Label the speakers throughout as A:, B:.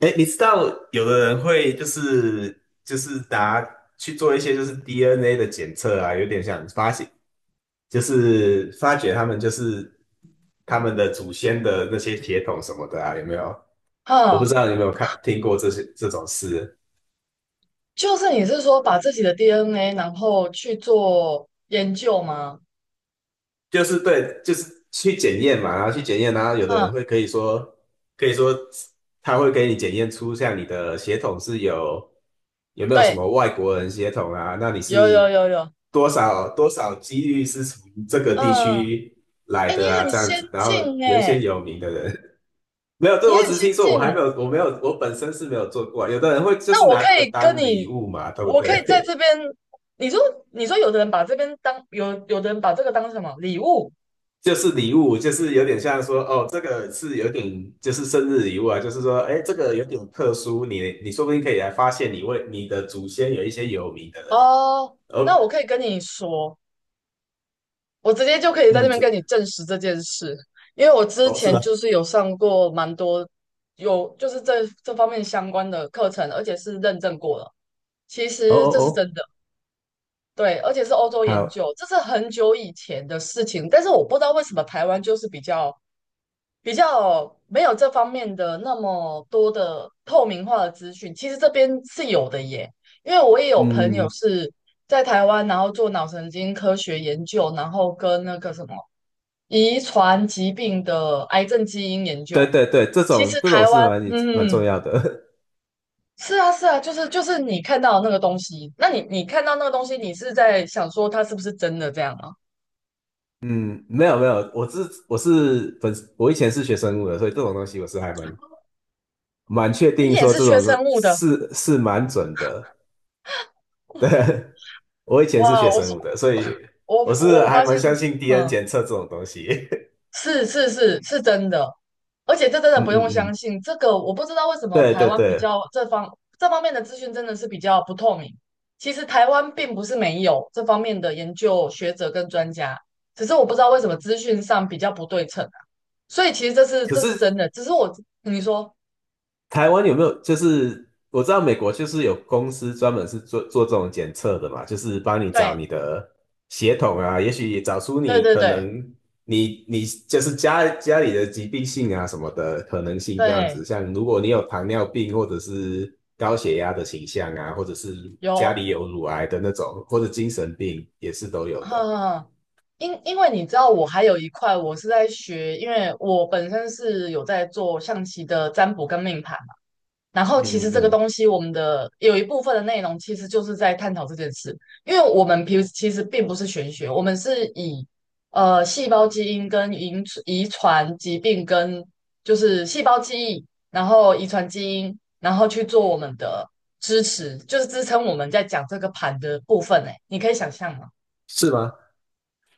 A: 哎，你知道有的人会就是拿去做一些就是 DNA 的检测啊，有点像发现，就是发掘他们的祖先的那些铁桶什么的啊，有没有？我不知
B: 啊，
A: 道你有没有听过这种事。
B: 就是你是说把自己的 DNA 然后去做研究吗？
A: 就是对，就是去检验嘛，然后去检验，然后有的
B: 嗯，
A: 人会可以说，可以说他会给你检验出像你的血统有没有什
B: 对，
A: 么外国人血统啊？那你
B: 有有
A: 是
B: 有有，
A: 多少几率是从这个地
B: 嗯，
A: 区来
B: 哎，你
A: 的啊？
B: 很
A: 这样
B: 先
A: 子，然后
B: 进
A: 有一些
B: 哎，
A: 有名的人。 没有，对，
B: 你
A: 我
B: 很
A: 只是
B: 先
A: 听说，
B: 进哎，
A: 我没有，我本身是没有做过啊。有的人会就是
B: 那我
A: 拿
B: 可
A: 这个
B: 以跟
A: 当礼
B: 你，
A: 物嘛，对不
B: 我可以在这
A: 对？
B: 边，你说你说有的人把这边当有有的人把这个当什么礼物。
A: 就是礼物，就是有点像说，哦，这个是有点就是生日礼物啊，就是说，哎，这个有点特殊，你说不定可以来发现你为你的祖先有一些有名的人。
B: 哦，
A: 哦。
B: 那我可以跟你说，我直接就可以在这
A: 嗯。
B: 边跟你证实这件事，因为我之
A: 哦，是
B: 前
A: 吗？
B: 就是有上过蛮多有就是这方面相关的课程，而且是认证过了。其
A: 哦
B: 实
A: 哦
B: 这是
A: 哦。
B: 真的，对，而且是欧洲研
A: 好。
B: 究，这是很久以前的事情。但是我不知道为什么台湾就是比较没有这方面的那么多的透明化的资讯。其实这边是有的耶，因为我也有朋友
A: 嗯。
B: 是在台湾，然后做脑神经科学研究，然后跟那个什么。遗传疾病的癌症基因研究。
A: 对对对，这
B: 其
A: 种
B: 实
A: 这种
B: 台
A: 是
B: 湾，
A: 蛮重
B: 嗯，
A: 要的。
B: 是啊，是啊，就是你看到的那个东西。那你看到那个东西，你是在想说它是不是真的这样吗？
A: 嗯，没有没有，我以前是学生物的，所以这种东西我是还蛮确
B: 你
A: 定
B: 也
A: 说
B: 是
A: 这
B: 学
A: 种说
B: 生物的。
A: 是蛮准的。对，
B: 哦，
A: 我以前是
B: 哇！
A: 学
B: 我
A: 生
B: 说
A: 物的，所以我是
B: 我我
A: 还
B: 发
A: 蛮
B: 现，
A: 相信 DNA
B: 嗯，
A: 检测这种东西。
B: 是是是是真的，而且这真 的
A: 嗯
B: 不用
A: 嗯
B: 相
A: 嗯，
B: 信。这个我不知道为什么
A: 对
B: 台
A: 对
B: 湾比
A: 对。
B: 较这方面的资讯真的是比较不透明。其实台湾并不是没有这方面的研究学者跟专家，只是我不知道为什么资讯上比较不对称啊。所以其实这是
A: 可
B: 这是
A: 是
B: 真的，只是我你说
A: 台湾有没有？就是我知道美国就是有公司专门是做做这种检测的嘛，就是帮你找
B: 对
A: 你的血统啊，也许也找出
B: 对
A: 你
B: 对
A: 可
B: 对
A: 能你就是家里的疾病性啊什么的可能性这样
B: 对
A: 子。像如果你有糖尿病或者是高血压的倾向啊，或者是家
B: 有，
A: 里有乳癌的那种，或者精神病也是都有的。
B: 哈。因为你知道，我还有一块我是在学，因为我本身是有在做象棋的占卜跟命盘。然后其
A: 嗯
B: 实这个
A: 嗯。
B: 东西，我们的有一部分的内容其实就是在探讨这件事，因为我们平其实并不是玄学，我们是以细胞基因跟遗传疾病跟就是细胞记忆，然后遗传基因，然后去做我们的支持，就是支撑我们在讲这个盘的部分。哎，你可以想象吗？
A: 是吗？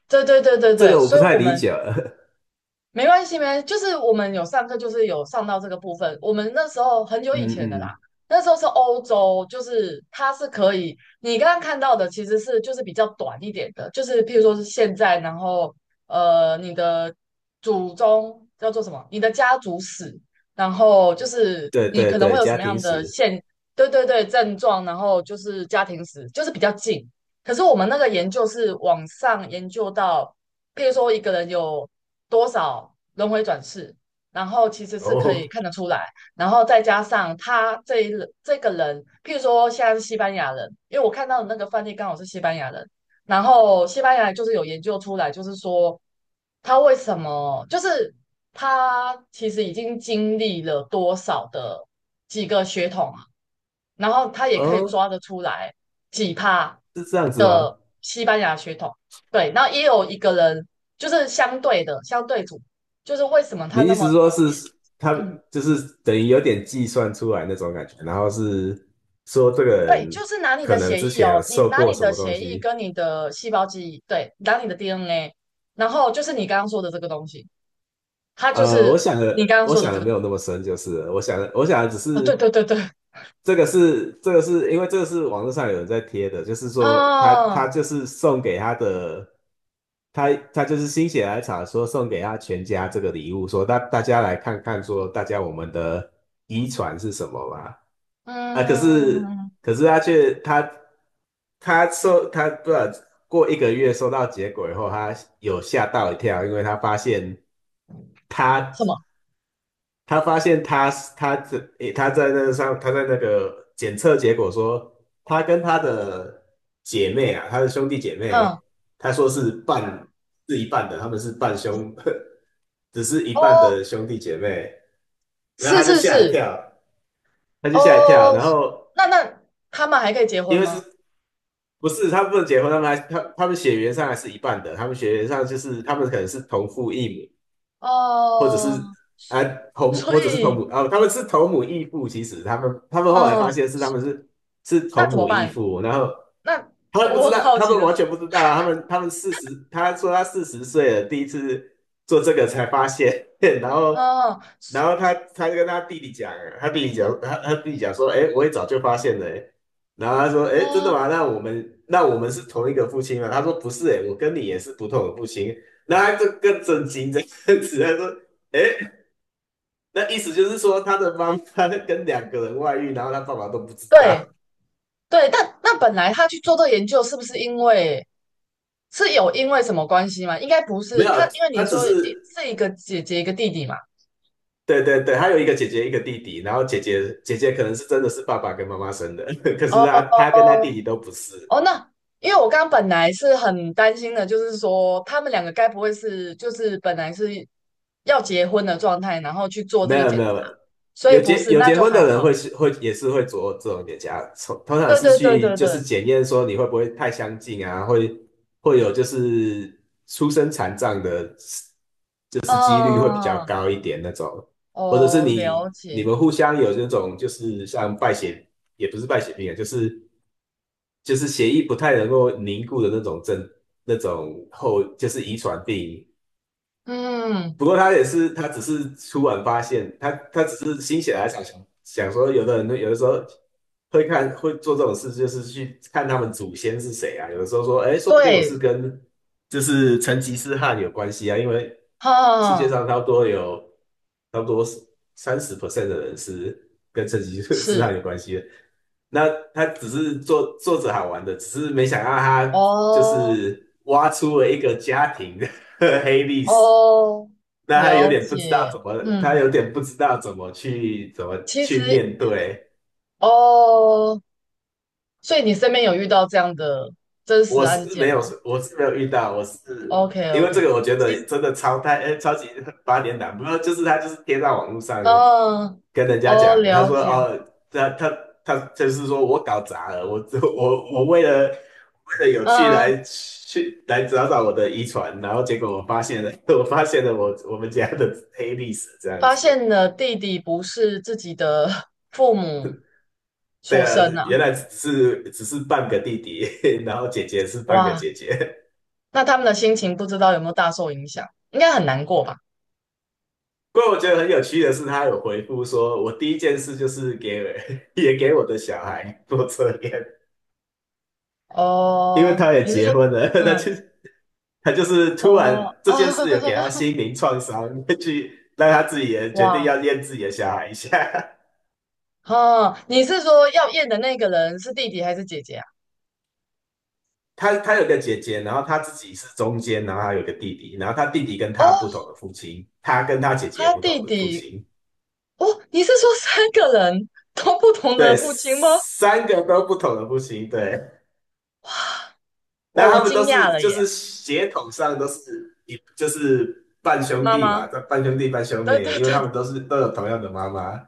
B: 对对对对
A: 这
B: 对，
A: 个我不
B: 所以
A: 太
B: 我
A: 理
B: 们
A: 解了。
B: 没关系，没，就是我们有上课，就是有上到这个部分。我们那时候很久以
A: 嗯
B: 前的啦，
A: 嗯，
B: 那时候是欧洲，就是它是可以，你刚刚看到的其实是就是比较短一点的，就是譬如说是现在，然后你的祖宗叫做什么？你的家族史，然后就是
A: 对
B: 你
A: 对
B: 可能会
A: 对，
B: 有什
A: 家
B: 么
A: 庭
B: 样的
A: 史。
B: 对对对，症状，然后就是家庭史，就是比较近。可是我们那个研究是往上研究到，譬如说一个人有多少轮回转世，然后其实是可以
A: 哦
B: 看得出来，然后再加上他这个人，譬如说现在是西班牙人，因为我看到的那个范例刚好是西班牙人，然后西班牙人就是有研究出来，就是说他为什么，就是他其实已经经历了多少的几个血统啊，然后他也可以
A: 哦。
B: 抓得出来。几趴
A: 是这样子吗？
B: 的西班牙血统，对，那也有一个人就是相对组，就是为什么他
A: 你意
B: 那么
A: 思说
B: 讨厌？
A: 是他
B: 嗯，
A: 就是等于有点计算出来那种感觉，然后是说这个
B: 对，就
A: 人
B: 是拿你
A: 可
B: 的
A: 能
B: 血
A: 之
B: 液
A: 前
B: 哦，
A: 有
B: 你
A: 受
B: 拿
A: 过
B: 你
A: 什
B: 的
A: 么东
B: 血液
A: 西。
B: 跟你的细胞记忆，对，拿你的 DNA，然后就是你刚刚说的这个东西，它就
A: 我
B: 是
A: 想
B: 你刚
A: 的，
B: 刚说的这个
A: 没有
B: 东西
A: 那么深，就是了我想的只
B: 啊，对
A: 是
B: 对对对，
A: 这个是因为这个是网络上有人在贴的，就是说他
B: 啊，
A: 他就是送给他的，他就是心血来潮说送给他全家这个礼物，说大家来看看说大家我们的遗传是什么吧。啊，可是
B: 嗯，
A: 可是他却他他收他不知道，过一个月收到结果以后，他有吓到一跳，因为他发现。
B: 什
A: 他
B: 么？
A: 他发现他他这他在那个检测结果说，他跟他的姐妹啊，他的兄弟姐
B: 嗯，
A: 妹，他说是一半的，他们是半兄，只是一半
B: 哦，
A: 的兄弟姐妹。然后
B: 是
A: 他就
B: 是
A: 吓一
B: 是。
A: 跳，
B: 哦，
A: 然后
B: 那他们还可以结婚
A: 因为
B: 吗？
A: 他们不能结婚，他们血缘上还是一半的，他们血缘上就是他们可能是同父异母。或者是
B: 哦，
A: 啊
B: 所
A: 或者是同
B: 以，
A: 母啊，他们是同母异父，其实他们后来
B: 嗯，
A: 发现是他们是是
B: 那
A: 同
B: 怎么
A: 母异
B: 办？
A: 父。然后
B: 那
A: 他 们不
B: 我
A: 知
B: 很
A: 道，
B: 好
A: 他
B: 奇
A: 们
B: 的
A: 完
B: 是，
A: 全不知道啊，他们四十，他说他四十岁了，第一次做这个才发现。然后
B: 嗯
A: 他跟他弟弟讲，他弟弟讲说，哎，我也早就发现了欸。然后他说，哎，真的
B: 嗯，
A: 吗？那我们是同一个父亲吗？他说不是，哎，我跟你也是不同的父亲。然后他就更震惊这样子，他说："哎，那意思就是说，他的妈妈 跟两个人外遇，然后他爸爸都不知道。
B: 对对，但那本来他去做这个研究，是不是因为是有因为什么关系吗？应该不
A: 没
B: 是，
A: 有，
B: 他因为你
A: 他只
B: 说一
A: 是，
B: 是一个姐姐一个弟弟嘛。
A: 对对对，他有一个姐姐，一个弟弟，然后姐姐可能是真的是爸爸跟妈妈生的。可
B: 哦
A: 是他他跟他弟弟都不是。
B: 哦，那因为我刚刚本来是很担心的，就是说他们两个该不会是就是本来是要结婚的状态，然后去做这
A: 没
B: 个
A: 有
B: 检
A: 没
B: 查，
A: 有，
B: 所以不是，
A: 有
B: 那
A: 结
B: 就
A: 婚
B: 还
A: 的人
B: 好。
A: 会是会也是会做这种检查，通常
B: 对
A: 是
B: 对对
A: 去
B: 对
A: 就是
B: 对。
A: 检验说你会不会太相近啊，会有就是出生残障的，就是几率会比
B: 嗯，
A: 较
B: 嗯嗯，
A: 高一点那种，或者是
B: 哦，了
A: 你你
B: 解，
A: 们互相有那种就是像败血，也不是败血病啊，就是血液不太能够凝固的那种症那种后就是遗传病。
B: 嗯，
A: 不过他也是，他只是突然发现，他只是心血来潮想想说，有的人有的时候会做这种事，就是去看他们祖先是谁啊。有的时候说，哎，说不定我是
B: 对，
A: 跟就是成吉思汗有关系啊，因为世
B: 哈，
A: 界
B: 嗯
A: 上差不多有差不多30% 的人是跟成吉思
B: 是，
A: 汗有关系的。那他只是做做着好玩的，只是没想到他就
B: 哦，
A: 是挖出了一个家庭的 黑历史。
B: 哦，
A: 那
B: 了解，
A: 他
B: 嗯，
A: 有点不知道怎么去
B: 其实，
A: 面对。
B: 哦，所以你身边有遇到这样的真实
A: 我
B: 案
A: 是没
B: 件
A: 有，
B: 吗
A: 我是没有遇到，我是因为这
B: ？OK，OK，
A: 个，我觉
B: 其实，
A: 得真的哎，超级八点档。不过就是他就是贴到网络上
B: 嗯，
A: 跟人家
B: 哦，
A: 讲，他
B: 了
A: 说
B: 解，
A: 哦，他就是说我搞砸了，我为了有趣
B: 嗯，
A: 来去来找找我的遗传，然后结果我发现了。我发现了我们家的黑历史这样
B: 发
A: 子。
B: 现了弟弟不是自己的 父母
A: 对
B: 所
A: 啊，
B: 生啊。
A: 原来只是半个弟弟，然后姐姐是半个
B: 哇。
A: 姐姐。
B: 那他们的心情不知道有没有大受影响，应该很难过吧？
A: 不过我觉得很有趣的是，他有回复说，我第一件事就是给 也给我的小孩做测验，因为
B: 哦，
A: 他也
B: 你是
A: 结
B: 说，
A: 婚了。他
B: 嗯，
A: 就他就是突
B: 哦
A: 然这
B: 啊，
A: 件事有给他 心灵创伤，去让他自己也决定
B: 哇，
A: 要验自己的小孩一下。
B: 哦，你是说要验的那个人是弟弟还是姐姐啊？
A: 他有个姐姐，然后他自己是中间，然后他有个弟弟，然后他弟弟跟
B: 哦，
A: 他不同的父亲，他跟他姐姐
B: 他
A: 不同
B: 弟
A: 的父
B: 弟，
A: 亲。
B: 哦，你是说三个人都不同的
A: 对，
B: 父亲吗？
A: 三个都不同的户型，对。
B: 哇，
A: 那
B: 我
A: 他们
B: 惊
A: 都
B: 讶
A: 是
B: 了
A: 就
B: 耶，
A: 是血统上都是就是半兄
B: 妈
A: 弟嘛，
B: 妈，
A: 半兄弟半兄
B: 对
A: 妹，
B: 对
A: 因为他
B: 对
A: 们都是都有同样的妈妈。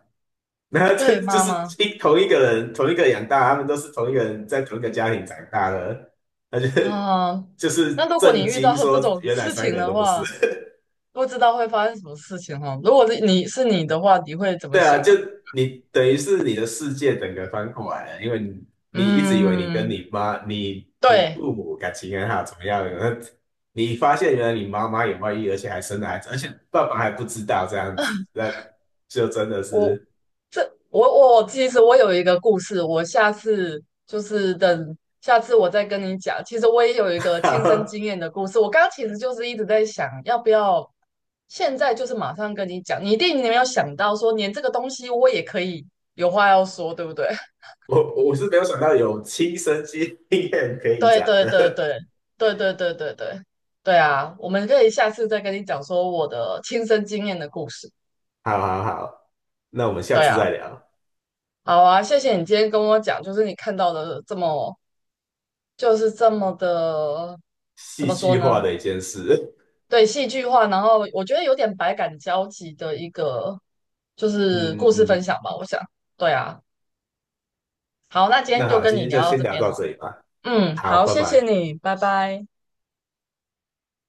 A: 那这
B: 对，
A: 就
B: 妈
A: 是
B: 妈，
A: 同一个人，同一个养大，他们都是同一个人在同一个家庭长大的，那就
B: 啊，那如果你
A: 震
B: 遇
A: 惊
B: 到这
A: 说
B: 种
A: 原来
B: 事
A: 三个
B: 情
A: 人
B: 的
A: 都不是。
B: 话，不知道会发生什么事情哦。如果是你的话，你会怎么
A: 对啊，
B: 想？
A: 就你等于是你的世界整个翻过来了，因为你一直以为你跟
B: 嗯，
A: 你妈、你
B: 对，
A: 父母感情很好，怎么样？那你发现原来你妈妈有外遇，而且还生了孩子，而且爸爸还不知道这样子，那就真的
B: 我
A: 是。
B: 这我其实我有一个故事，我下次就是等下次我再跟你讲。其实我也有一个亲身经 验的故事，我刚刚其实就是一直在想，要不要现在就是马上跟你讲。你一定没有想到说，连这个东西我也可以有话要说，对不对？
A: 我是没有想到有亲身经验可以
B: 对
A: 讲
B: 对对
A: 的。
B: 对对对对对对对啊！我们可以下次再跟你讲说我的亲身经验的故事。
A: 好好好，那我们下
B: 对
A: 次
B: 啊。
A: 再聊
B: 好啊，谢谢你今天跟我讲，就是你看到的这么，就是这么的，怎
A: 戏
B: 么说
A: 剧化
B: 呢？
A: 的一件事。
B: 对，戏剧化，然后我觉得有点百感交集的一个，就 是故
A: 嗯
B: 事分
A: 嗯，
B: 享吧，我想。对啊，好，那今天
A: 那
B: 就
A: 好，
B: 跟
A: 今
B: 你
A: 天就
B: 聊到
A: 先
B: 这
A: 聊
B: 边哦。
A: 到这里吧。
B: 嗯，
A: 好，
B: 好，
A: 拜
B: 谢谢
A: 拜。
B: 你，拜拜。